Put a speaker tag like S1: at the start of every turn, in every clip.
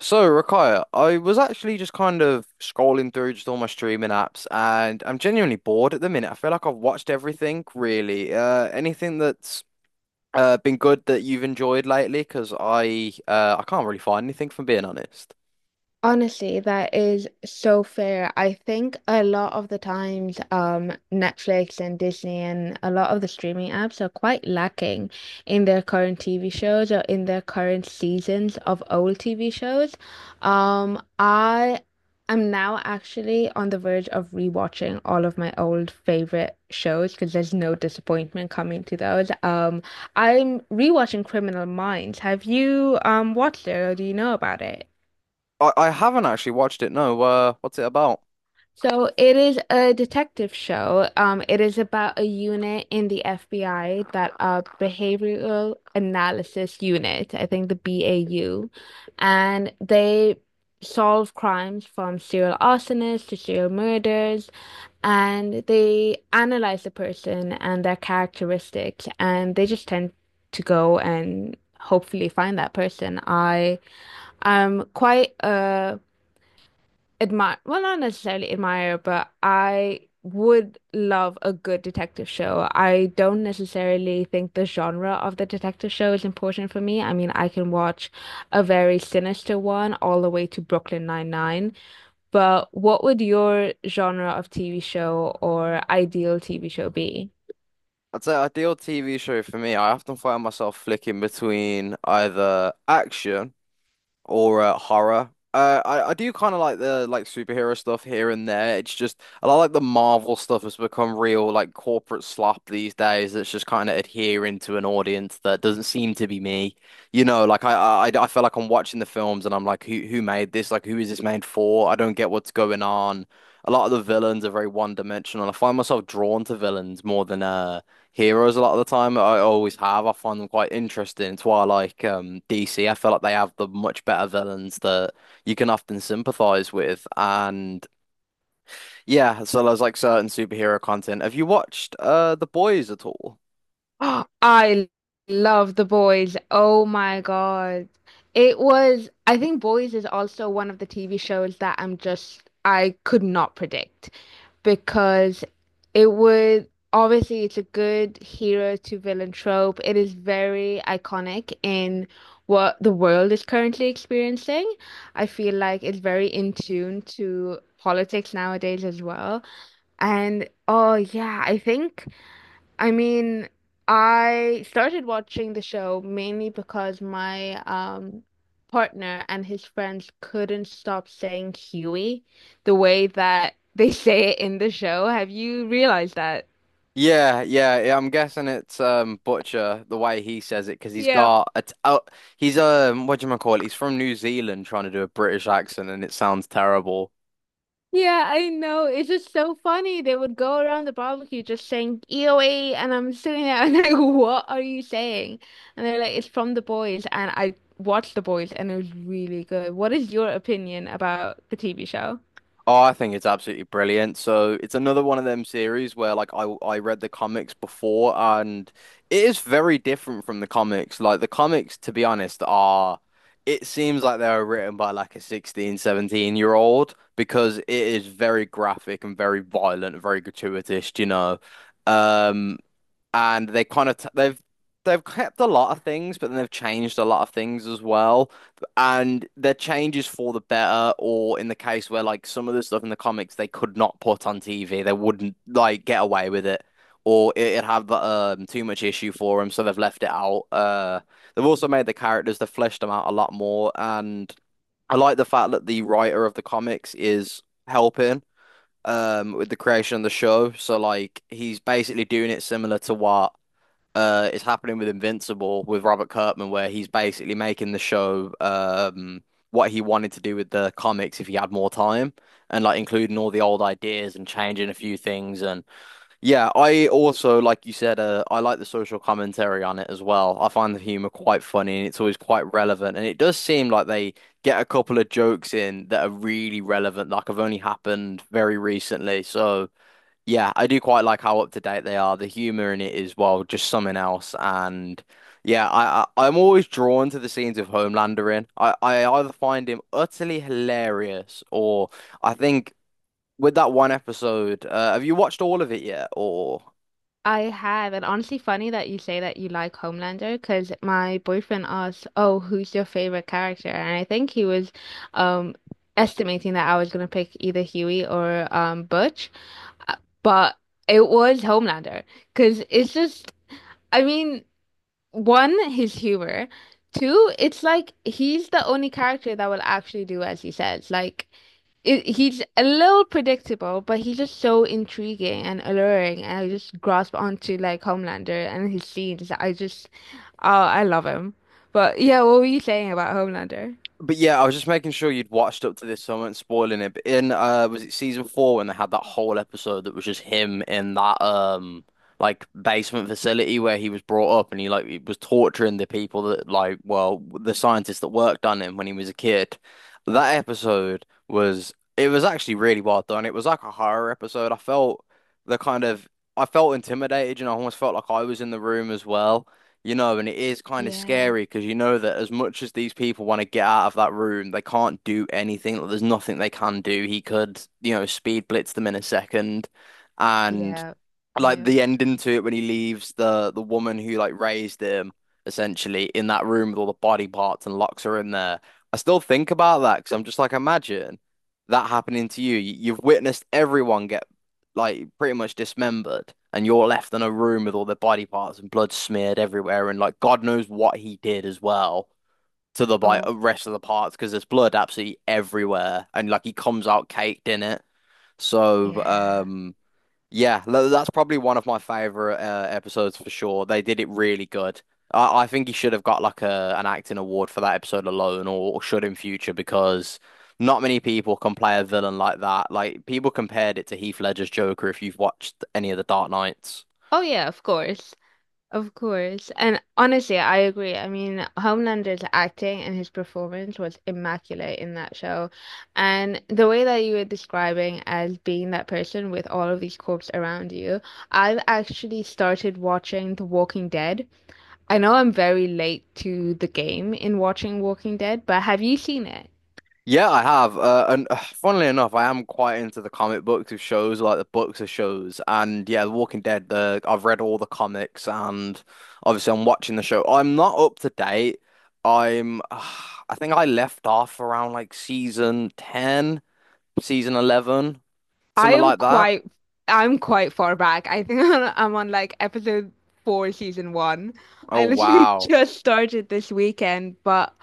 S1: So, Rakaya, I was actually just kind of scrolling through just all my streaming apps, and I'm genuinely bored at the minute. I feel like I've watched everything, really. Anything that's been good that you've enjoyed lately? Because I can't really find anything, from being honest.
S2: Honestly, that is so fair. I think a lot of the times, Netflix and Disney and a lot of the streaming apps are quite lacking in their current TV shows or in their current seasons of old TV shows. I am now actually on the verge of rewatching all of my old favorite shows because there's no disappointment coming to those. I'm rewatching Criminal Minds. Have you watched it or do you know about it?
S1: I haven't actually watched it. No, what's it about?
S2: So it is a detective show. It is about a unit in the FBI, that behavioral analysis unit, I think, the BAU, and they solve crimes from serial arsonists to serial murders, and they analyze the person and their characteristics, and they just tend to go and hopefully find that person. I am quite a admire, well, not necessarily admire, but I would love a good detective show. I don't necessarily think the genre of the detective show is important for me. I mean, I can watch a very sinister one all the way to Brooklyn Nine-Nine, but what would your genre of TV show or ideal TV show be?
S1: I'd say ideal TV show for me, I often find myself flicking between either action or horror. I do kind of like the like superhero stuff here and there. It's just I like the Marvel stuff has become real like corporate slop these days. That's just kind of adhering to an audience that doesn't seem to be me. You know, like I feel like I'm watching the films and I'm like, who made this? Like, who is this made for? I don't get what's going on. A lot of the villains are very one-dimensional. I find myself drawn to villains more than heroes a lot of the time. I always have. I find them quite interesting. It's why I like DC. I feel like they have the much better villains that you can often sympathize with. And yeah, so there's like certain superhero content. Have you watched The Boys at all?
S2: I love The Boys. Oh my God. It was, I think Boys is also one of the TV shows that I'm just, I could not predict because it would, obviously, it's a good hero to villain trope. It is very iconic in what the world is currently experiencing. I feel like it's very in tune to politics nowadays as well. And oh, yeah, I think. I mean, I started watching the show mainly because my partner and his friends couldn't stop saying Huey the way that they say it in the show. Have you realized that?
S1: Yeah, yeah, yeah, I'm guessing it's Butcher the way he says it because he's
S2: Yeah.
S1: got it's out. He's what do you call it? He's from New Zealand trying to do a British accent and it sounds terrible.
S2: Yeah, I know. It's just so funny. They would go around the barbecue just saying EOE, and I'm sitting there and like, what are you saying? And they're like, it's from The Boys, and I watched The Boys and it was really good. What is your opinion about the TV show?
S1: Oh, I think it's absolutely brilliant. So it's another one of them series where like I read the comics before and it is very different from the comics. Like the comics, to be honest, are it seems like they were written by like a 1617 year old because it is very graphic and very violent and very gratuitous, you know. Um and they kind of t they've kept a lot of things, but then they've changed a lot of things as well. And their changes for the better, or in the case where like some of the stuff in the comics they could not put on TV, they wouldn't like get away with it, or it'd have too much issue for them, so they've left it out. They've also made the characters, they've fleshed them out a lot more, and I like the fact that the writer of the comics is helping. With the creation of the show, so like he's basically doing it similar to what is happening with Invincible with Robert Kirkman, where he's basically making the show what he wanted to do with the comics if he had more time, and like including all the old ideas and changing a few things. And yeah, I also, like you said, I like the social commentary on it as well. I find the humor quite funny, and it's always quite relevant. And it does seem like they get a couple of jokes in that are really relevant, like have only happened very recently. So. Yeah, I do quite like how up to date they are. The humor in it is, well, just something else. And yeah, I'm always drawn to the scenes of Homelander in. I either find him utterly hilarious or I think with that one episode, have you watched all of it yet? Or
S2: I have, and honestly, funny that you say that you like Homelander because my boyfriend asked, "Oh, who's your favorite character?" And I think he was, um, estimating that I was gonna pick either Huey or Butch. Uh, but it was Homelander because it's just, I mean, one, his humor, two, it's like he's the only character that will actually do as he says, like he's a little predictable, but he's just so intriguing and alluring, and I just grasp onto like Homelander and his scenes. I just, oh, I love him. But yeah, what were you saying about Homelander?
S1: but yeah, I was just making sure you'd watched up to this, so I wasn't spoiling it. But in was it season four when they had that whole episode that was just him in that like basement facility where he was brought up and he was torturing the people that like well the scientists that worked on him when he was a kid. That episode was it was actually really well done. It was like a horror episode. I felt the kind of I felt intimidated, you know, I almost felt like I was in the room as well. You know, and it is kind of
S2: Yeah,
S1: scary because you know that as much as these people want to get out of that room, they can't do anything. Like, there's nothing they can do. He could, you know, speed blitz them in a second. And
S2: yeah,
S1: like
S2: yeah.
S1: the ending to it when he leaves the woman who like raised him essentially in that room with all the body parts and locks her in there. I still think about that because I'm just like, imagine that happening to you. You've witnessed everyone get like pretty much dismembered, and you're left in a room with all their body parts and blood smeared everywhere, and like God knows what he did as well. To the like
S2: Oh,
S1: rest of the parts because there's blood absolutely everywhere, and like he comes out caked in it. So,
S2: yeah.
S1: yeah, that's probably one of my favorite episodes for sure. They did it really good. I think he should have got like a an acting award for that episode alone, or should in future, because not many people can play a villain like that. Like people compared it to Heath Ledger's Joker if you've watched any of the Dark Knights.
S2: Oh, yeah, of course. Of course. And honestly, I agree. I mean, Homelander's acting and his performance was immaculate in that show. And the way that you were describing as being that person with all of these corpses around you, I've actually started watching The Walking Dead. I know I'm very late to the game in watching Walking Dead, but have you seen it?
S1: Yeah, I have. And Funnily enough, I am quite into the comic books of shows, like the books of shows. And yeah, The Walking Dead, the I've read all the comics and obviously I'm watching the show. I'm not up to date. I'm I think I left off around like season 10, season 11,
S2: I
S1: something
S2: am
S1: like that.
S2: quite I'm quite far back. I think I'm on like episode 4, season 1.
S1: Oh
S2: I literally
S1: wow.
S2: just started this weekend, but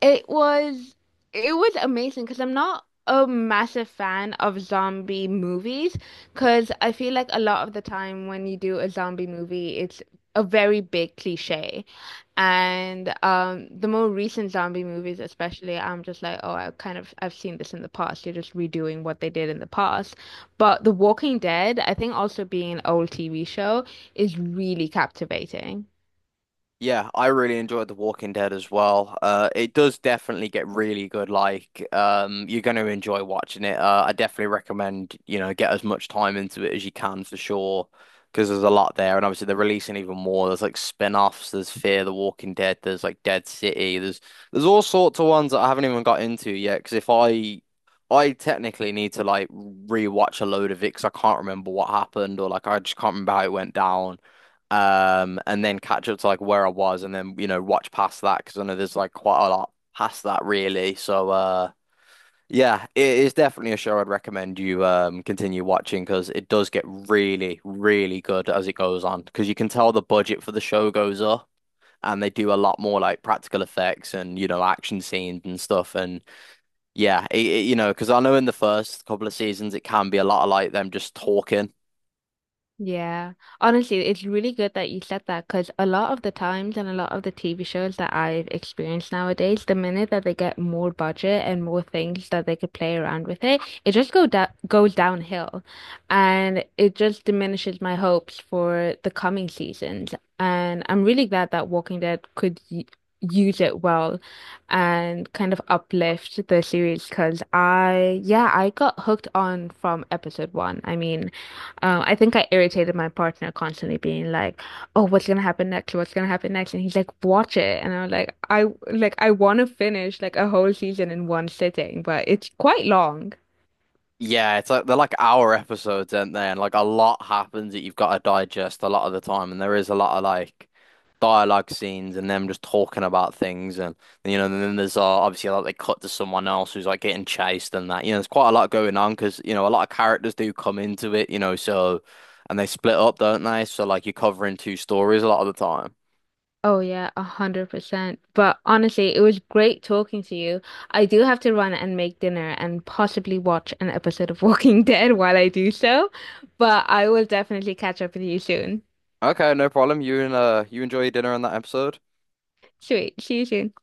S2: it was it was amazing because I'm not a massive fan of zombie movies because I feel like a lot of the time when you do a zombie movie, it's a very big cliche. And the more recent zombie movies, especially, I'm just like, oh, I kind of I've seen this in the past. You're just redoing what they did in the past. But The Walking Dead, I think also being an old TV show, is really captivating.
S1: Yeah, I really enjoyed The Walking Dead as well. It does definitely get really good. Like, you're going to enjoy watching it. I definitely recommend, you know, get as much time into it as you can for sure, because there's a lot there, and obviously they're releasing even more. There's like spin-offs. There's Fear the Walking Dead. There's like Dead City. There's all sorts of ones that I haven't even got into yet. Because if I I technically need to like rewatch a load of it because I can't remember what happened or like I just can't remember how it went down and then catch up to like where I was, and then you know watch past that because I know there's like quite a lot past that really. So yeah, it is definitely a show I'd recommend you continue watching because it does get really, really good as it goes on because you can tell the budget for the show goes up. And they do a lot more like practical effects and you know action scenes and stuff and yeah you know because I know in the first couple of seasons it can be a lot of like them just talking.
S2: Yeah. Honestly, it's really good that you said that because a lot of the times and a lot of the TV shows that I've experienced nowadays, the minute that they get more budget and more things that they could play around with it, it just go da goes downhill, and it just diminishes my hopes for the coming seasons. And I'm really glad that Walking Dead could y use it well and kind of uplift the series because yeah, I got hooked on from episode 1. I mean, I think I irritated my partner constantly being like, "Oh, what's gonna happen next? What's gonna happen next?" And he's like, "Watch it." And I'm like I want to finish like a whole season in one sitting, but it's quite long."
S1: Yeah, it's like they're like hour episodes, aren't they? And like a lot happens that you've got to digest a lot of the time, and there is a lot of like dialogue scenes and them just talking about things, and you know, and then there's obviously like they cut to someone else who's like getting chased and that. You know, there's quite a lot going on because you know a lot of characters do come into it, you know, so and they split up, don't they? So like you're covering two stories a lot of the time.
S2: Oh yeah, 100%. But honestly, it was great talking to you. I do have to run and make dinner and possibly watch an episode of Walking Dead while I do so, but I will definitely catch up with you soon.
S1: Okay, no problem. You and you enjoy your dinner on that episode.
S2: Sweet, see you soon.